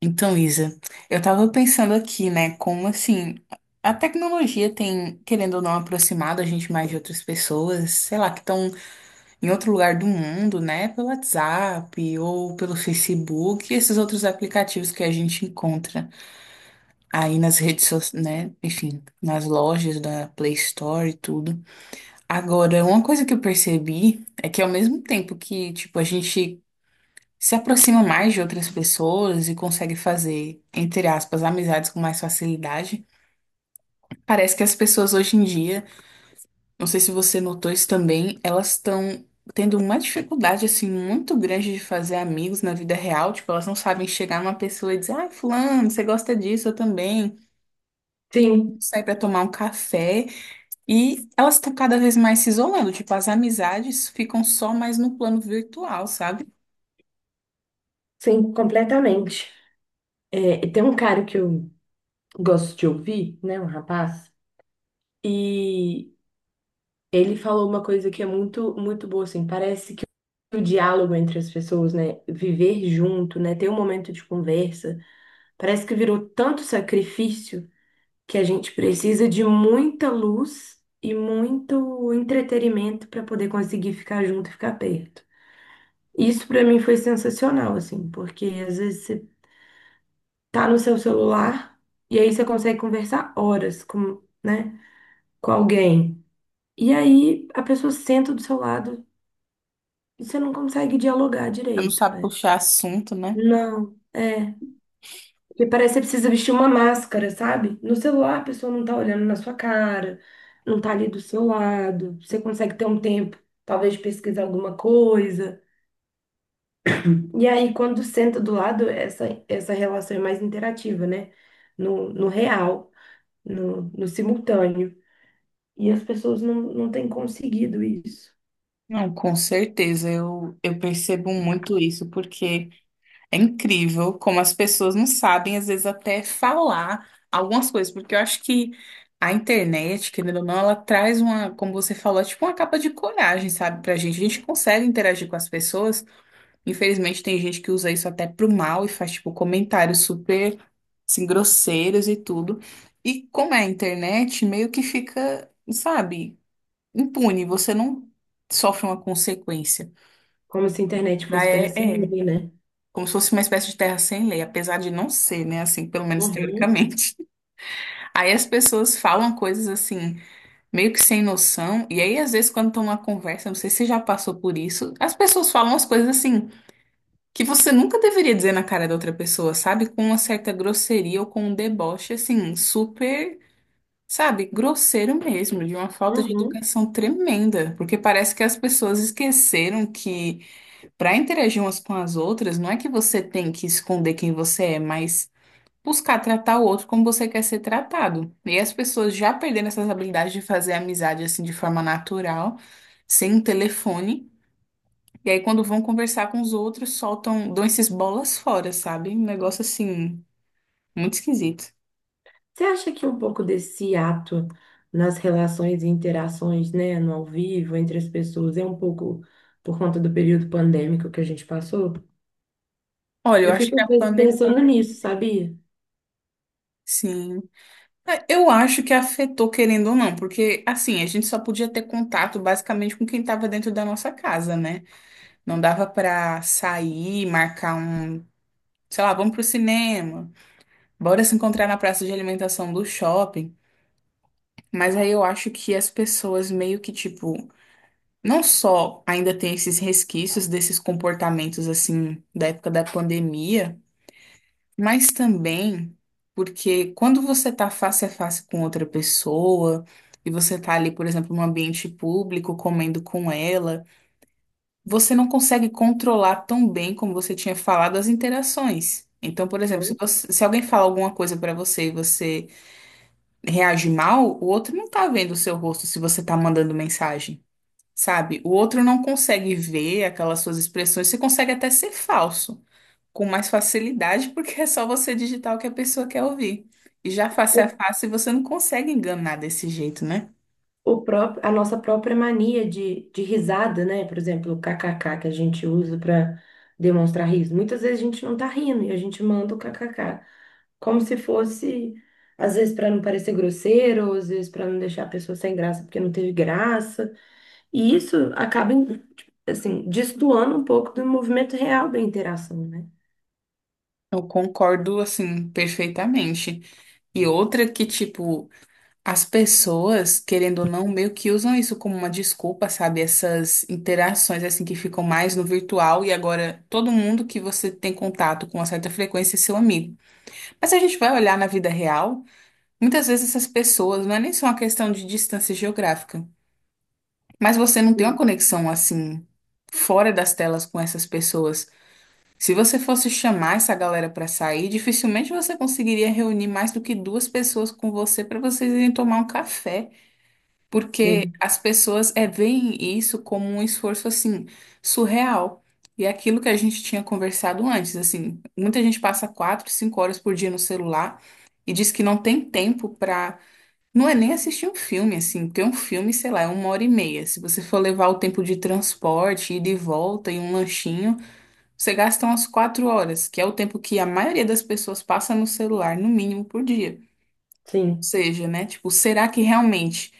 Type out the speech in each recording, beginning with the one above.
Então, Isa, eu tava pensando aqui, né, como assim, a tecnologia tem, querendo ou não, aproximado a gente mais de outras pessoas, sei lá, que estão em outro lugar do mundo, né, pelo WhatsApp ou pelo Facebook, e esses outros aplicativos que a gente encontra aí nas redes sociais, né, enfim, nas lojas da Play Store e tudo. Agora, uma coisa que eu percebi é que ao mesmo tempo que, tipo, a gente se aproxima mais de outras pessoas e consegue fazer, entre aspas, amizades com mais facilidade. Parece que as pessoas hoje em dia, não sei se você notou isso também, elas estão tendo uma dificuldade assim muito grande de fazer amigos na vida real, tipo, elas não sabem chegar numa pessoa e dizer: "Ah, fulano, você gosta disso, eu também." Sim, Sair para tomar um café e elas estão cada vez mais se isolando, tipo, as amizades ficam só mais no plano virtual, sabe? sim, completamente. É, tem um cara que eu gosto de ouvir, né, um rapaz, e ele falou uma coisa que é muito, muito boa, assim, parece que o diálogo entre as pessoas, né, viver junto, né, ter um momento de conversa, parece que virou tanto sacrifício que a gente precisa de muita luz e muito entretenimento para poder conseguir ficar junto e ficar perto. Isso para mim foi sensacional, assim, porque às vezes você tá no seu celular e aí você consegue conversar horas com, né, com alguém. E aí a pessoa senta do seu lado e você não consegue dialogar Ela não direito, sabe né? puxar assunto, né? Não, é. Porque parece que você precisa vestir uma máscara, sabe? No celular a pessoa não tá olhando na sua cara, não tá ali do seu lado. Você consegue ter um tempo, talvez, de pesquisar alguma coisa. E aí, quando senta do lado, essa relação é mais interativa, né? No real, no simultâneo. E as pessoas não têm conseguido isso. Não, com certeza, eu percebo muito isso, porque é incrível como as pessoas não sabem, às vezes, até falar algumas coisas, porque eu acho que a internet, querendo ou não, ela traz uma, como você falou, é tipo uma capa de coragem, sabe, pra gente. A gente consegue interagir com as pessoas, infelizmente, tem gente que usa isso até pro mal e faz, tipo, comentários super, assim, grosseiros e tudo. E como é a internet, meio que fica, sabe, impune, você não sofre uma consequência. Como se a internet Já fosse é, terra sem é lei, né? como se fosse uma espécie de terra sem lei, apesar de não ser, né? Assim, pelo menos Uhum, teoricamente. Aí as pessoas falam coisas assim, meio que sem noção, e aí às vezes quando estão numa conversa, não sei se você já passou por isso, as pessoas falam as coisas assim, que você nunca deveria dizer na cara da outra pessoa, sabe? Com uma certa grosseria ou com um deboche, assim, super. Sabe, grosseiro mesmo, de uma falta de uhum. educação tremenda, porque parece que as pessoas esqueceram que para interagir umas com as outras, não é que você tem que esconder quem você é, mas buscar tratar o outro como você quer ser tratado. E as pessoas já perderam essas habilidades de fazer amizade assim de forma natural, sem telefone. E aí, quando vão conversar com os outros, soltam, dão esses bolas fora, sabe? Um negócio assim, muito esquisito. Você acha que um pouco desse ato nas relações e interações, né, no ao vivo, entre as pessoas, é um pouco por conta do período pandêmico que a gente passou? Olha, eu Eu acho fico que às a vezes pensando pandemia, nisso, sabia? sim. É, eu acho que afetou, querendo ou não, porque assim, a gente só podia ter contato basicamente com quem estava dentro da nossa casa, né? Não dava pra sair, marcar um, sei lá, vamos pro cinema, bora se encontrar na praça de alimentação do shopping. Mas aí eu acho que as pessoas meio que, tipo, não só ainda tem esses resquícios desses comportamentos, assim, da época da pandemia, mas também porque quando você tá face a face com outra pessoa e você tá ali, por exemplo, num ambiente público, comendo com ela. Você não consegue controlar tão bem como você tinha falado as interações. Então, por exemplo, se alguém fala alguma coisa pra você e você reage mal, o outro não tá vendo o seu rosto se você tá mandando mensagem, sabe? O outro não consegue ver aquelas suas expressões. Você consegue até ser falso com mais facilidade, porque é só você digitar o que a pessoa quer ouvir. E já face a face você não consegue enganar desse jeito, né? O próprio, a nossa própria mania de risada, né? Por exemplo, o kkk que a gente usa para demonstrar riso. Muitas vezes a gente não tá rindo e a gente manda o kkk, como se fosse, às vezes para não parecer grosseiro, ou às vezes para não deixar a pessoa sem graça porque não teve graça. E isso acaba, tipo, assim, destoando um pouco do movimento real da interação, né? Eu concordo, assim, perfeitamente. E outra que, tipo, as pessoas, querendo ou não, meio que usam isso como uma desculpa, sabe? Essas interações assim que ficam mais no virtual e agora todo mundo que você tem contato com uma certa frequência é seu amigo. Mas se a gente vai olhar na vida real, muitas vezes essas pessoas não é nem só uma questão de distância geográfica, mas você não tem uma Sim. conexão assim fora das telas com essas pessoas. Se você fosse chamar essa galera para sair, dificilmente você conseguiria reunir mais do que duas pessoas com você para vocês irem tomar um café. Porque Sim, as pessoas é, veem isso como um esforço assim surreal. E é aquilo que a gente tinha conversado antes, assim, muita gente passa 4, 5 horas por dia no celular e diz que não tem tempo pra. Não é nem assistir um filme, assim, porque um filme, sei lá, é uma hora e meia. Se você for levar o tempo de transporte, ida e volta e um lanchinho, você gasta umas 4 horas, que é o tempo que a maioria das pessoas passa no celular, no mínimo, por dia sim. seja, né? Tipo, será que realmente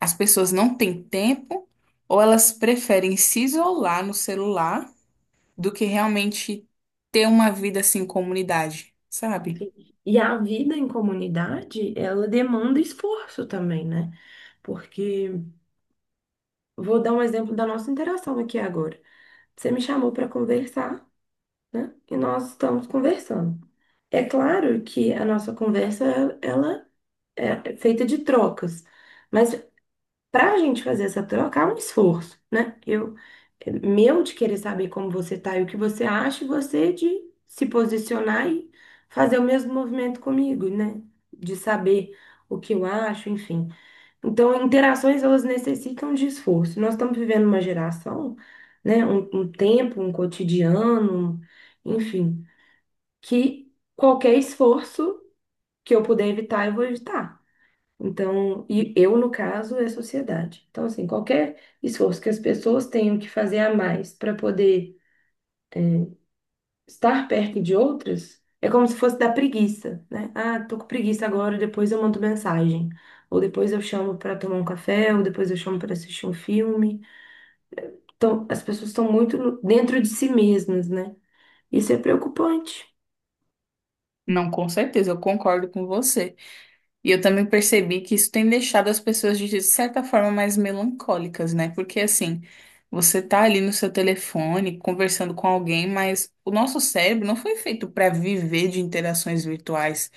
as pessoas não têm tempo ou elas preferem se isolar no celular do que realmente ter uma vida assim em comunidade, sabe? E a vida em comunidade, ela demanda esforço também, né? Porque vou dar um exemplo da nossa interação aqui agora. Você me chamou para conversar, né? E nós estamos conversando. É claro que a nossa conversa, ela é feita de trocas, mas para a gente fazer essa troca, há um esforço, né? Eu, meu de querer saber como você tá e o que você acha, e você de se posicionar e fazer o mesmo movimento comigo, né? De saber o que eu acho, enfim. Então, interações, elas necessitam de esforço. Nós estamos vivendo uma geração, né, um tempo, um cotidiano, enfim, que qualquer esforço que eu puder evitar, eu vou evitar. Então, e eu, no caso, é a sociedade. Então, assim, qualquer esforço que as pessoas tenham que fazer a mais para poder estar perto de outras, é como se fosse da preguiça, né? Ah, tô com preguiça agora, depois eu mando mensagem. Ou depois eu chamo para tomar um café, ou depois eu chamo para assistir um filme. As pessoas estão muito dentro de si mesmas, né? Isso é preocupante. Não, com certeza, eu concordo com você. E eu também percebi que isso tem deixado as pessoas de certa forma mais melancólicas, né? Porque assim, você tá ali no seu telefone conversando com alguém, mas o nosso cérebro não foi feito para viver de interações virtuais,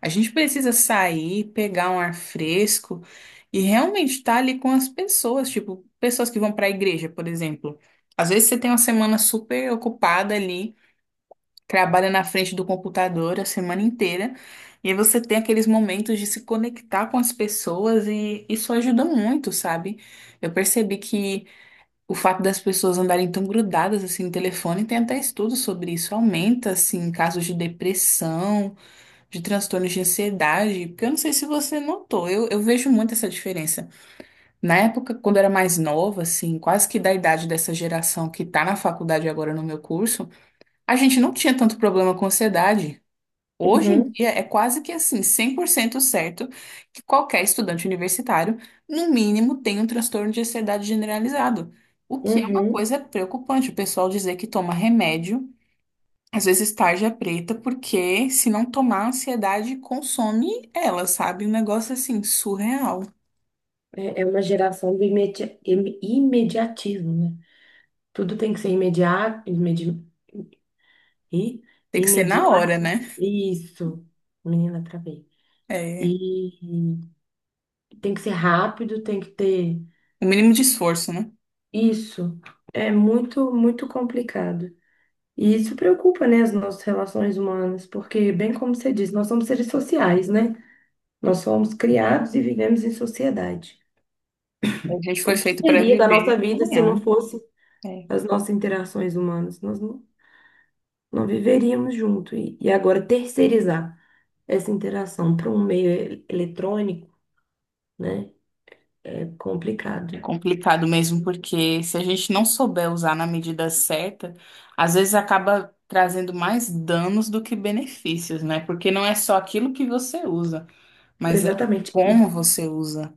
a gente precisa sair, pegar um ar fresco e realmente estar ali com as pessoas, tipo, pessoas que vão para a igreja, por exemplo. Às vezes você tem uma semana super ocupada ali, trabalha na frente do computador a semana inteira, e aí você tem aqueles momentos de se conectar com as pessoas e isso ajuda muito, sabe? Eu percebi que o fato das pessoas andarem tão grudadas assim no telefone, tem até estudos sobre isso, aumenta assim casos de depressão de transtornos de ansiedade, porque eu não sei se você notou, eu vejo muito essa diferença. Na época, quando eu era mais nova, assim, quase que da idade dessa geração que tá na faculdade agora no meu curso, a gente não tinha tanto problema com ansiedade. Hoje em Uhum, dia é quase que assim, 100% certo que qualquer estudante universitário, no mínimo, tem um transtorno de ansiedade generalizado. O que é uma uhum. coisa preocupante, o pessoal dizer que toma remédio às vezes tarja preta, porque se não tomar, a ansiedade consome ela, sabe? Um negócio assim, surreal. É, é uma geração do imediatismo, né? Tudo tem que ser imediato, e- Tem que ser na hora, imediato, né? isso, menina, travei. É, E e tem que ser rápido, tem que ter o mínimo de esforço, né? isso. É muito, muito complicado. E isso preocupa, né, as nossas relações humanas, porque, bem como você disse, nós somos seres sociais, né? Nós somos criados e vivemos em sociedade. A gente O foi que feito para seria da viver nossa vida se não amanhã. fosse É. as nossas interações humanas? Nós não, Não viveríamos junto. E agora, terceirizar essa interação para um meio eletrônico, né, é É complicado. complicado mesmo, porque se a gente não souber usar na medida certa, às vezes acaba trazendo mais danos do que benefícios, né? Porque não é só aquilo que você usa, mas é Exatamente. Como você usa,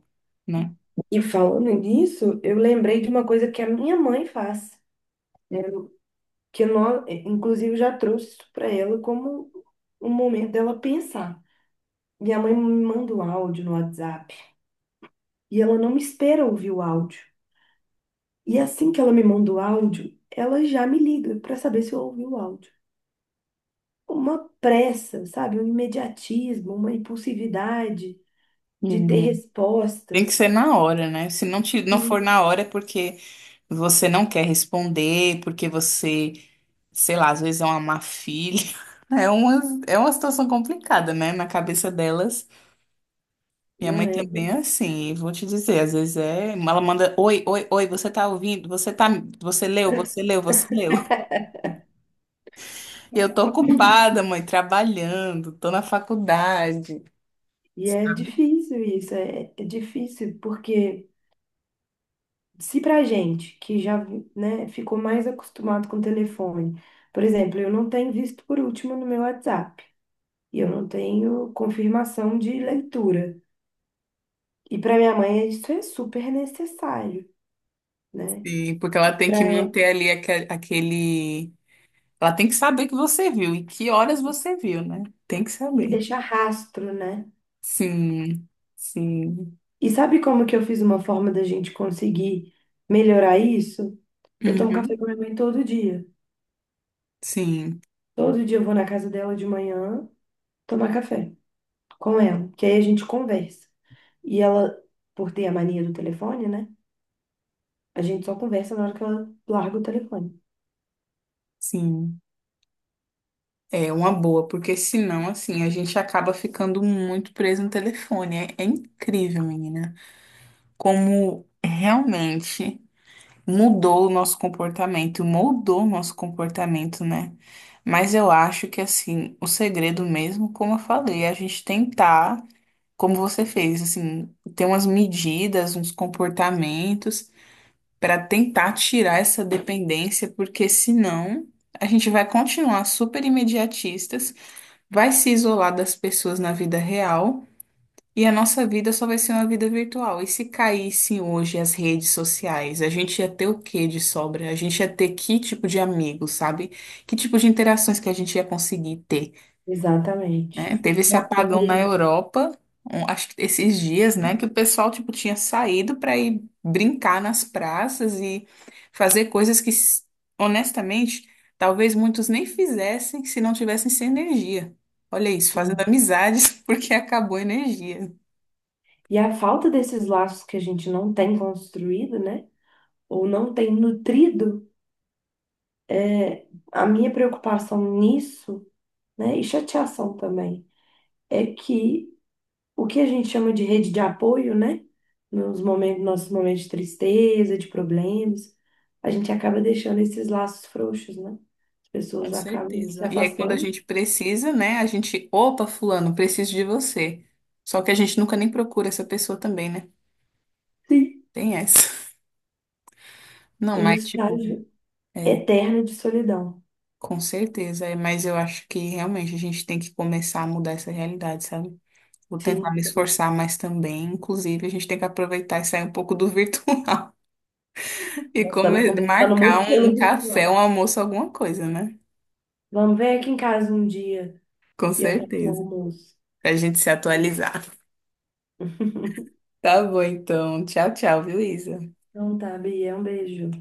né? E falando nisso, eu lembrei de uma coisa que a minha mãe faz, que nós, inclusive, eu já trouxe isso para ela como um momento dela pensar. Minha mãe me manda um áudio no WhatsApp e ela não me espera ouvir o áudio. E assim que ela me manda o áudio, ela já me liga para saber se eu ouvi o áudio. Uma pressa, sabe? Um imediatismo, uma impulsividade de ter Uhum. Tem que respostas. ser na hora, né? Se não, não for Sim. na hora é porque você não quer responder, porque você, sei lá, às vezes é uma má filha. É uma, é uma situação complicada, né? Na cabeça delas. Minha Não mãe é? também é assim, e vou te dizer, às vezes é. Ela manda, oi, oi, oi, você tá ouvindo? Você tá, você leu, você leu, você leu. E eu tô ocupada, mãe, trabalhando, tô na faculdade. E é difícil isso, é, é difícil porque se pra gente que já, né, ficou mais acostumado com telefone, por exemplo, eu não tenho visto por último no meu WhatsApp e eu não tenho confirmação de leitura. E para minha mãe isso é super necessário, né? Sim, porque ela tem Para que manter ali aquele. Ela tem que saber que você viu e que horas você viu, né? Tem que tem que saber. deixar rastro, né? Sim, sim. E sabe como que eu fiz uma forma da gente conseguir melhorar isso? Eu tomo café Uhum. com minha mãe todo dia. Sim, Todo dia eu vou na casa dela de manhã tomar café com ela, que aí a gente conversa. E ela, por ter a mania do telefone, né? A gente só conversa na hora que ela larga o telefone. sim. É uma boa, porque senão, assim, a gente acaba ficando muito preso no telefone. É, é incrível, menina, como realmente mudou o nosso comportamento, moldou o nosso comportamento, né? Mas eu acho que, assim, o segredo mesmo, como eu falei, é a gente tentar. Como você fez, assim, ter umas medidas, uns comportamentos para tentar tirar essa dependência, porque senão a gente vai continuar super imediatistas, vai se isolar das pessoas na vida real e a nossa vida só vai ser uma vida virtual. E se caíssem hoje as redes sociais, a gente ia ter o que de sobra? A gente ia ter que tipo de amigos, sabe? Que tipo de interações que a gente ia conseguir ter? Né? Exatamente. Teve esse E apagão na apoio, Europa, acho que esses dias, né, que o pessoal tipo tinha saído para ir brincar nas praças e fazer coisas que, honestamente, talvez muitos nem fizessem se não tivessem sem energia. Olha isso, fazendo sim. amizades porque acabou a energia. E a falta desses laços que a gente não tem construído, né? Ou não tem nutrido, é, a minha preocupação nisso. Né? E chateação também. É que o que a gente chama de rede de apoio, né? Nos momentos, nossos momentos de tristeza, de problemas, a gente acaba deixando esses laços frouxos, né? As Com pessoas acabam certeza. se E aí, quando a afastando. gente precisa, né? A gente, opa, fulano, preciso de você. Só que a gente nunca nem procura essa pessoa também, né? Sim. Tem essa. Não, É um mas tipo, estágio é. eterno de solidão. Com certeza, é, mas eu acho que realmente a gente tem que começar a mudar essa realidade, sabe? Vou tentar Sim, me também. esforçar mas também. Inclusive, a gente tem que aproveitar e sair um pouco do virtual e Nós estamos conversando marcar muito um pelo café, virtual. um almoço, alguma coisa, né? Vamos ver aqui em casa um dia Com e eu faço um certeza. almoço. Pra gente se atualizar. Tá bom, então. Tchau, tchau, viu, Isa? Então tá, Bia, um beijo.